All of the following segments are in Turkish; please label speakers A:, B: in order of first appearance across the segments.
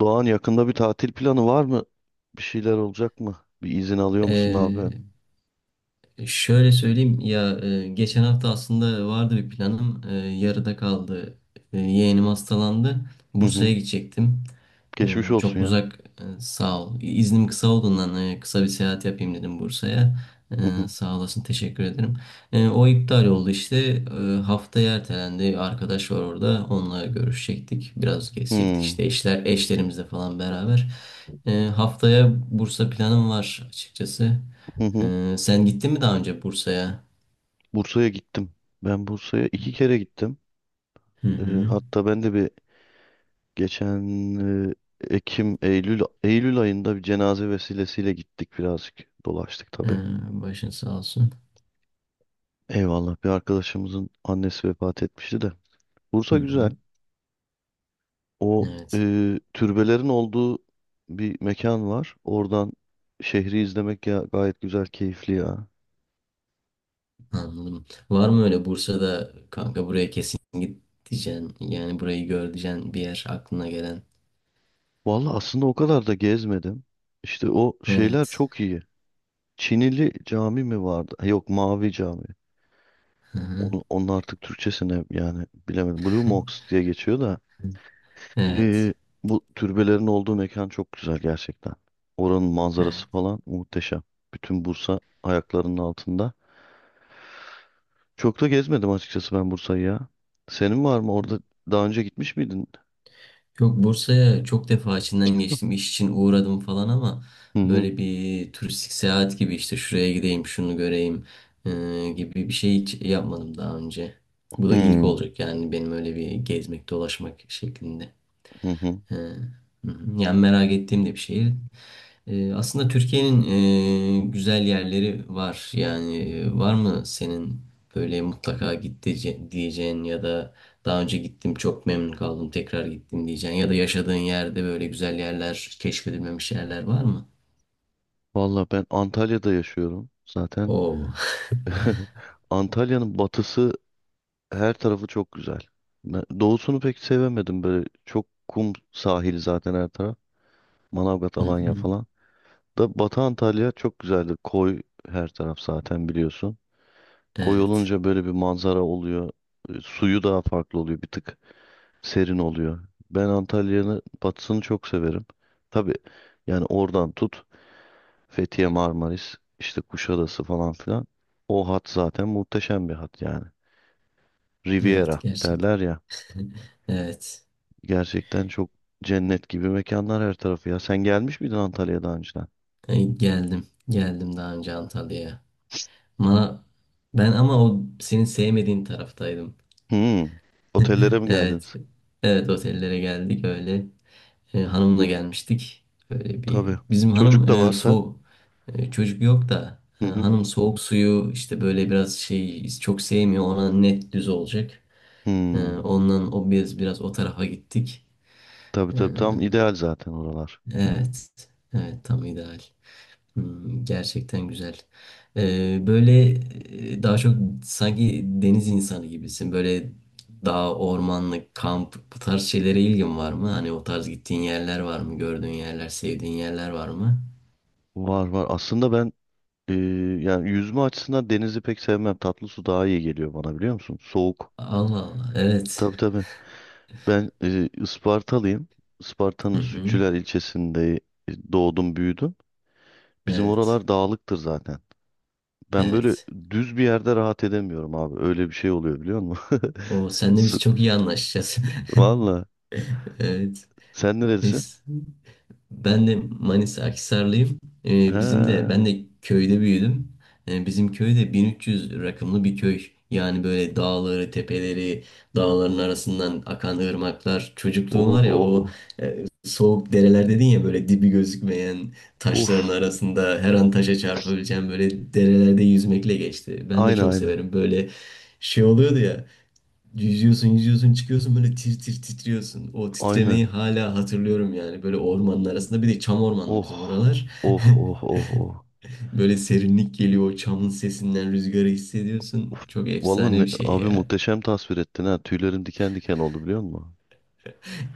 A: Doğan yakında bir tatil planı var mı? Bir şeyler olacak mı? Bir izin alıyor musun? Ne
B: Ee,
A: yapıyorsun?
B: şöyle söyleyeyim ya, geçen hafta aslında vardı bir planım. Yarıda kaldı. Yeğenim hastalandı.
A: Hı
B: Bursa'ya
A: hı.
B: gidecektim. Ee,
A: Geçmiş olsun
B: çok
A: ya.
B: uzak, sağ ol. İznim kısa olduğundan kısa bir seyahat yapayım dedim Bursa'ya.
A: Hı
B: Ee,
A: hı.
B: sağ olasın, teşekkür ederim. O iptal oldu işte. Haftaya ertelendi. Arkadaş var orada. Onunla görüşecektik. Biraz gezecektik
A: Hmm.
B: işte eşlerimizle falan beraber. Haftaya Bursa planım var açıkçası.
A: Hı hı.
B: Sen gittin mi daha önce Bursa'ya?
A: Bursa'ya gittim. Ben Bursa'ya iki kere gittim.
B: Hı
A: Ee,
B: hı.
A: Hatta ben de bir geçen e, Ekim, Eylül, Eylül ayında bir cenaze vesilesiyle gittik birazcık. Dolaştık
B: Ee,
A: tabii.
B: başın sağ olsun.
A: Eyvallah, bir arkadaşımızın annesi vefat etmişti de.
B: Hı
A: Bursa
B: hı.
A: güzel. O,
B: Evet,
A: e, türbelerin olduğu bir mekan var. Oradan şehri izlemek ya gayet güzel, keyifli ya.
B: anladım. Var mı öyle Bursa'da kanka, buraya kesin git diyeceksin. Yani burayı gör diyeceksin, bir yer aklına gelen.
A: Vallahi aslında o kadar da gezmedim. İşte o şeyler
B: Evet.
A: çok iyi. Çinili cami mi vardı? Ha, yok, Mavi Cami.
B: Hı hı.
A: Onu, onun artık Türkçesine yani bilemedim. Blue Mosque diye geçiyor da.
B: Evet.
A: E, Bu türbelerin olduğu mekan çok güzel gerçekten. Oranın
B: Evet.
A: manzarası falan muhteşem. Bütün Bursa ayaklarının altında. Çok da gezmedim açıkçası ben Bursa'yı ya. Senin var mı orada, daha önce gitmiş miydin?
B: Yok, Bursa'ya çok defa içinden geçtim. İş için uğradım falan, ama
A: Hı hı.
B: böyle bir turistik seyahat gibi işte şuraya gideyim, şunu göreyim e, gibi bir şey hiç yapmadım daha önce. Bu
A: Hı
B: da ilk olacak, yani benim öyle bir gezmek, dolaşmak şeklinde.
A: hı hı.
B: He. Hı hı. Yani merak ettiğim de bir şehir. Aslında Türkiye'nin güzel yerleri var. Yani, var mı senin böyle mutlaka git diyeceğin, ya da daha önce gittim çok memnun kaldım tekrar gittim diyeceğin, ya da yaşadığın yerde böyle güzel yerler, keşfedilmemiş yerler var mı?
A: Valla ben Antalya'da yaşıyorum zaten.
B: Oo.
A: Antalya'nın batısı, her tarafı çok güzel. Ben doğusunu pek sevemedim, böyle çok kum sahili zaten her taraf. Manavgat,
B: Hı
A: Alanya
B: hı.
A: falan. Da Batı Antalya çok güzeldir. Koy, her taraf zaten biliyorsun. Koy
B: Evet.
A: olunca böyle bir manzara oluyor. Suyu daha farklı oluyor bir tık, serin oluyor. Ben Antalya'nın batısını çok severim. Tabii yani oradan tut, Fethiye, Marmaris, işte Kuşadası falan filan. O hat zaten muhteşem bir hat yani.
B: Evet,
A: Riviera derler
B: gerçekten.
A: ya.
B: Evet.
A: Gerçekten çok cennet gibi mekanlar her tarafı ya. Sen gelmiş miydin Antalya'ya daha önceden?
B: Ay, geldim. Geldim daha önce Antalya'ya.
A: Hı hı.
B: Bana ben ama o senin sevmediğin taraftaydım.
A: Hmm. Otellere mi
B: Evet.
A: geldiniz?
B: Evet, otellere geldik öyle. E, hanımla gelmiştik. Böyle bir
A: Tabii.
B: bizim
A: Çocuk
B: hanım
A: da varsa.
B: soğuk, çocuk yok da,
A: Hı hı.
B: hanım soğuk suyu işte böyle biraz şey çok sevmiyor. Ona net düz olacak. E,
A: Hmm.
B: ondan o biraz o tarafa gittik.
A: Tabii
B: E,
A: tabii, tam ideal zaten oralar.
B: evet. Evet, tam ideal. Gerçekten güzel. Böyle, daha çok sanki deniz insanı gibisin. Böyle dağ, ormanlık, kamp, bu tarz şeylere ilgin var mı? Hani o tarz gittiğin yerler var mı? Gördüğün yerler, sevdiğin yerler var mı?
A: Var var. Aslında ben, Ee, yani yüzme açısından denizi pek sevmem. Tatlı su daha iyi geliyor bana, biliyor musun? Soğuk.
B: Allah Allah. Evet.
A: Tabii tabii. Ben Ispartalıyım.
B: Hı
A: Isparta'nın
B: hı.
A: Sütçüler ilçesinde doğdum büyüdüm. Bizim
B: Evet.
A: oralar dağlıktır zaten. Ben böyle
B: Evet.
A: düz bir yerde rahat edemiyorum abi. Öyle bir şey oluyor biliyor musun?
B: O, senle
A: Su-
B: biz çok iyi anlaşacağız.
A: Valla.
B: Evet.
A: Sen nerelisin?
B: Neyse. Ben de Manisa Akhisarlıyım. Bizim de
A: He.
B: ben de köyde büyüdüm. Bizim köyde 1300 rakımlı bir köy. Yani böyle dağları, tepeleri, dağların arasından akan ırmaklar. Çocukluğum
A: Oh
B: var
A: oh
B: ya, o
A: oh.
B: soğuk dereler dedin ya, böyle dibi gözükmeyen taşların
A: Uf.
B: arasında her an taşa çarpabileceğim böyle derelerde yüzmekle geçti. Ben de
A: Aynı
B: çok
A: aynı.
B: severim. Böyle şey oluyordu ya. Yüzüyorsun, yüzüyorsun, çıkıyorsun böyle tir tir titriyorsun. O titremeyi
A: Aynen.
B: hala hatırlıyorum yani. Böyle ormanın arasında, bir de çam ormanlı bizim
A: Oh.
B: oralar.
A: Oh oh oh oh.
B: Böyle serinlik geliyor, o çamın sesinden rüzgarı hissediyorsun.
A: Of,
B: Çok
A: vallahi
B: efsane bir şey
A: abi
B: ya.
A: muhteşem tasvir ettin ha. Tüylerim diken diken oldu biliyor musun?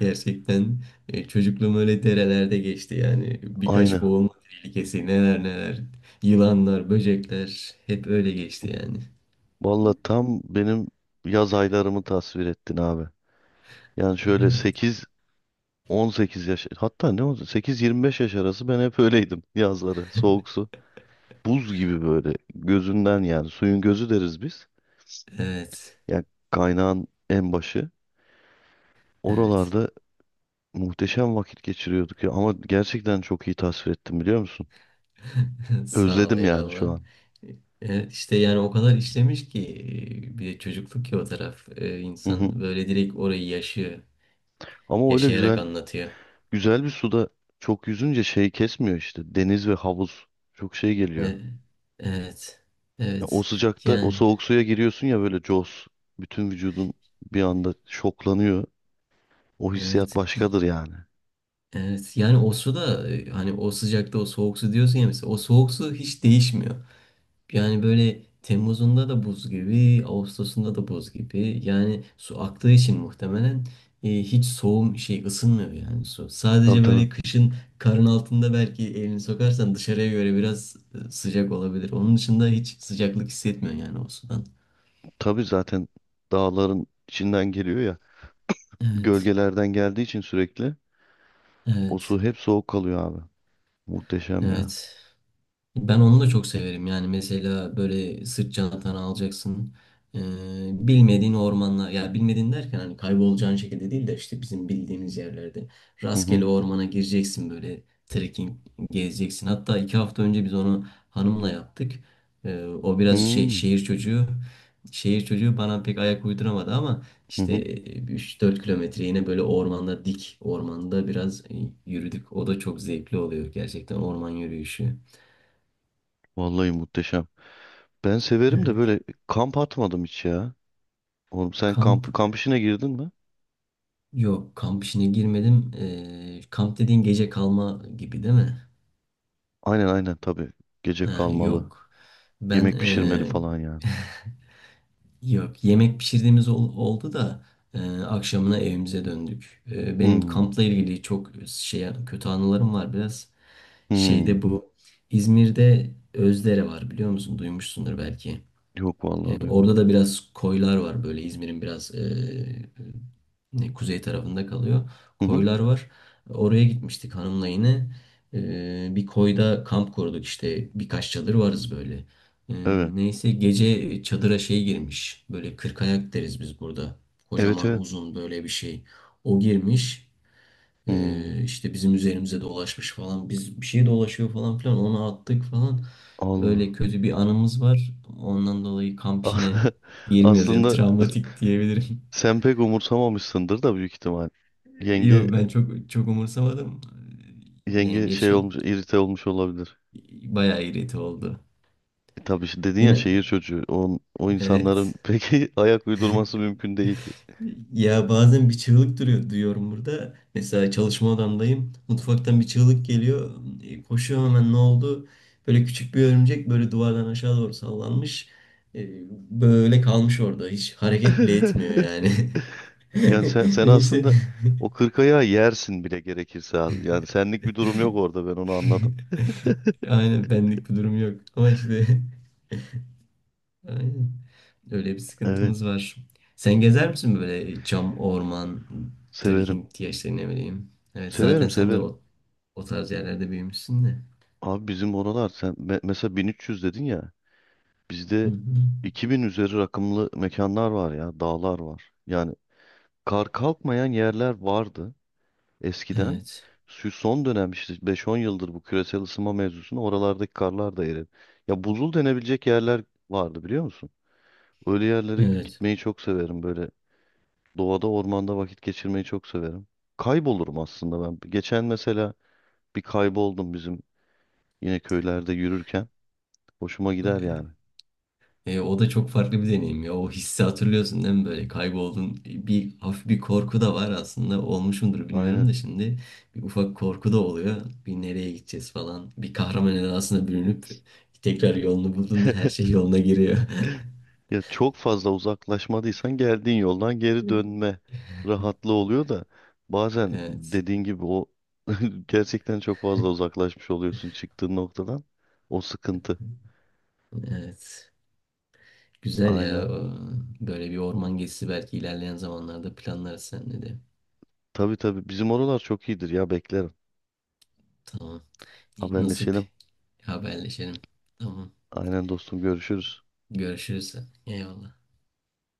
B: Gerçekten, çocukluğum öyle derelerde geçti yani. Birkaç
A: Aynı.
B: boğulma tehlikesi, neler neler. Yılanlar, böcekler hep öyle geçti yani.
A: Vallahi tam benim yaz aylarımı tasvir ettin abi. Yani şöyle
B: Evet,
A: sekiz on sekiz yaş, hatta ne oldu, sekiz yirmi beş yaş arası ben hep öyleydim yazları. Soğuk su. Buz gibi böyle gözünden, yani suyun gözü deriz biz.
B: evet,
A: Yani kaynağın en başı.
B: evet.
A: Oralarda muhteşem vakit geçiriyorduk ya, ama gerçekten çok iyi tasvir ettim biliyor musun?
B: Sağ ol,
A: Özledim yani şu
B: eyvallah.
A: an.
B: İşte, yani o kadar işlemiş ki, bir de çocukluk ki o taraf. E,
A: Hı hı.
B: insan böyle direkt orayı yaşıyor.
A: Ama öyle
B: Yaşayarak
A: güzel,
B: anlatıyor.
A: güzel bir suda çok yüzünce şey kesmiyor işte. Deniz ve havuz çok şey geliyor.
B: E, Evet.
A: Ya o
B: Evet.
A: sıcakta o
B: Yani
A: soğuk suya giriyorsun ya, böyle cos. Bütün vücudun bir anda şoklanıyor. O hissiyat
B: evet.
A: başkadır yani.
B: Evet. Yani o su da, hani o sıcakta o soğuk su diyorsun ya, mesela o soğuk su hiç değişmiyor. Yani böyle Temmuz'unda da buz gibi, Ağustos'unda da buz gibi. Yani su aktığı için muhtemelen hiç soğum şey ısınmıyor yani su.
A: Tabii
B: Sadece
A: tabii.
B: böyle kışın karın altında belki elini sokarsan dışarıya göre biraz sıcak olabilir. Onun dışında hiç sıcaklık hissetmiyor yani o sudan.
A: Tabii zaten dağların içinden geliyor ya.
B: Evet,
A: Gölgelerden geldiği için sürekli o su
B: evet,
A: hep soğuk kalıyor abi. Muhteşem ya.
B: evet. Ben onu da çok severim. Yani mesela böyle sırt çantanı alacaksın. Ee, bilmediğin ormanlar, ya bilmediğin derken hani kaybolacağın şekilde değil de, işte bizim bildiğimiz yerlerde
A: Hı
B: rastgele
A: hı.
B: ormana gireceksin, böyle trekking gezeceksin. Hatta 2 hafta önce biz onu hanımla yaptık. O biraz şey
A: Hmm.
B: şehir çocuğu. Şehir çocuğu bana pek ayak uyduramadı ama
A: Hı
B: işte
A: hı.
B: üç dört 4 kilometre yine böyle dik ormanda biraz yürüdük. O da çok zevkli oluyor gerçekten, orman yürüyüşü.
A: Vallahi muhteşem. Ben severim de
B: Evet.
A: böyle kamp atmadım hiç ya. Oğlum sen
B: Kamp,
A: kamp işine girdin mi?
B: yok kamp işine girmedim. Kamp dediğin gece kalma gibi değil mi?
A: Aynen aynen tabii. Gece
B: Ha,
A: kalmalı.
B: yok. Ben
A: Yemek pişirmeli falan yani.
B: yok, yemek pişirdiğimiz oldu da akşamına evimize döndük. Benim
A: Hmm.
B: kampla ilgili çok şey kötü anılarım var biraz.
A: Hmm.
B: Şeyde, bu İzmir'de Özdere var biliyor musun? Duymuşsundur belki.
A: Yok
B: E,
A: vallahi
B: orada
A: duymadım.
B: da biraz koylar var, böyle İzmir'in biraz kuzey tarafında kalıyor.
A: Hı hı.
B: Koylar var. Oraya gitmiştik hanımla yine. Bir koyda kamp kurduk işte, birkaç çadır varız böyle. E,
A: Evet.
B: neyse gece çadıra şey girmiş. Böyle kırkayak deriz biz burada.
A: Evet
B: Kocaman
A: evet.
B: uzun böyle bir şey. O girmiş.
A: Hmm.
B: İşte bizim üzerimize dolaşmış falan. Biz, bir şey dolaşıyor falan filan. Onu attık falan. Öyle
A: Allah.
B: kötü bir anımız var. Ondan dolayı kamp
A: As-
B: işine girmiyoruz. Yani
A: Aslında
B: travmatik diyebilirim.
A: sen pek umursamamışsındır da büyük ihtimal. Yenge
B: Yok, ben çok çok umursamadım.
A: yenge
B: Yengeç
A: şey
B: yok.
A: olmuş, irite olmuş olabilir.
B: Bayağı irite oldu.
A: E, tabii dedin ya,
B: Yine
A: şehir çocuğu. O, o insanların
B: evet.
A: peki ayak uydurması mümkün değil.
B: Ya bazen bir çığlık duruyor, duyuyorum burada. Mesela çalışma odamdayım. Mutfaktan bir çığlık geliyor. Koşuyorum hemen ne oldu? Böyle küçük bir örümcek böyle duvardan aşağı doğru sallanmış. E, Böyle kalmış orada. Hiç hareket bile etmiyor yani.
A: Yani sen, sen
B: Neyse.
A: aslında o kırk ayağı yersin bile gerekirse abi. Yani senlik bir durum yok orada, ben onu anladım.
B: Aynen, benlik bir durum yok. Ama işte aynen öyle bir
A: Evet,
B: sıkıntımız var. Sen gezer misin böyle cam, orman,
A: severim.
B: trekking diye, işte ne bileyim. Evet, zaten
A: Severim,
B: sen de
A: severim.
B: o tarz yerlerde büyümüşsün de.
A: Abi bizim oralar sen mesela 1300 dedin ya.
B: Hı
A: Bizde
B: hı.
A: 2000 üzeri rakımlı mekanlar var ya, dağlar var. Yani kar kalkmayan yerler vardı eskiden.
B: Evet.
A: Şu son dönem işte 5-10 yıldır bu küresel ısınma mevzusunu oralardaki karlar da eridi. Ya buzul denebilecek yerler vardı biliyor musun? Öyle yerlere
B: Evet.
A: gitmeyi çok severim böyle. Doğada, ormanda vakit geçirmeyi çok severim. Kaybolurum aslında ben. Geçen mesela bir kayboldum bizim, yine köylerde yürürken hoşuma
B: E,
A: gider yani.
B: o da çok farklı bir deneyim ya. O hissi hatırlıyorsun değil mi? Böyle kayboldun. Hafif bir korku da var aslında. Olmuş mudur bilmiyorum
A: Aynen.
B: da şimdi. Bir ufak korku da oluyor. Bir nereye gideceğiz falan. Bir kahraman edasına bürünüp tekrar yolunu bulduğunda her şey yoluna giriyor.
A: Ya çok fazla uzaklaşmadıysan geldiğin yoldan geri dönme rahatlığı oluyor da, bazen
B: Evet.
A: dediğin gibi o gerçekten çok fazla uzaklaşmış oluyorsun çıktığın noktadan. O sıkıntı.
B: Evet. Güzel ya.
A: Aynen.
B: Böyle bir orman gezisi belki ilerleyen zamanlarda planlarız seninle de.
A: Tabii tabii, bizim oralar çok iyidir ya, beklerim.
B: Tamam. Nasip,
A: Haberleşelim.
B: haberleşelim. Tamam.
A: Aynen dostum, görüşürüz.
B: Görüşürüz. Eyvallah.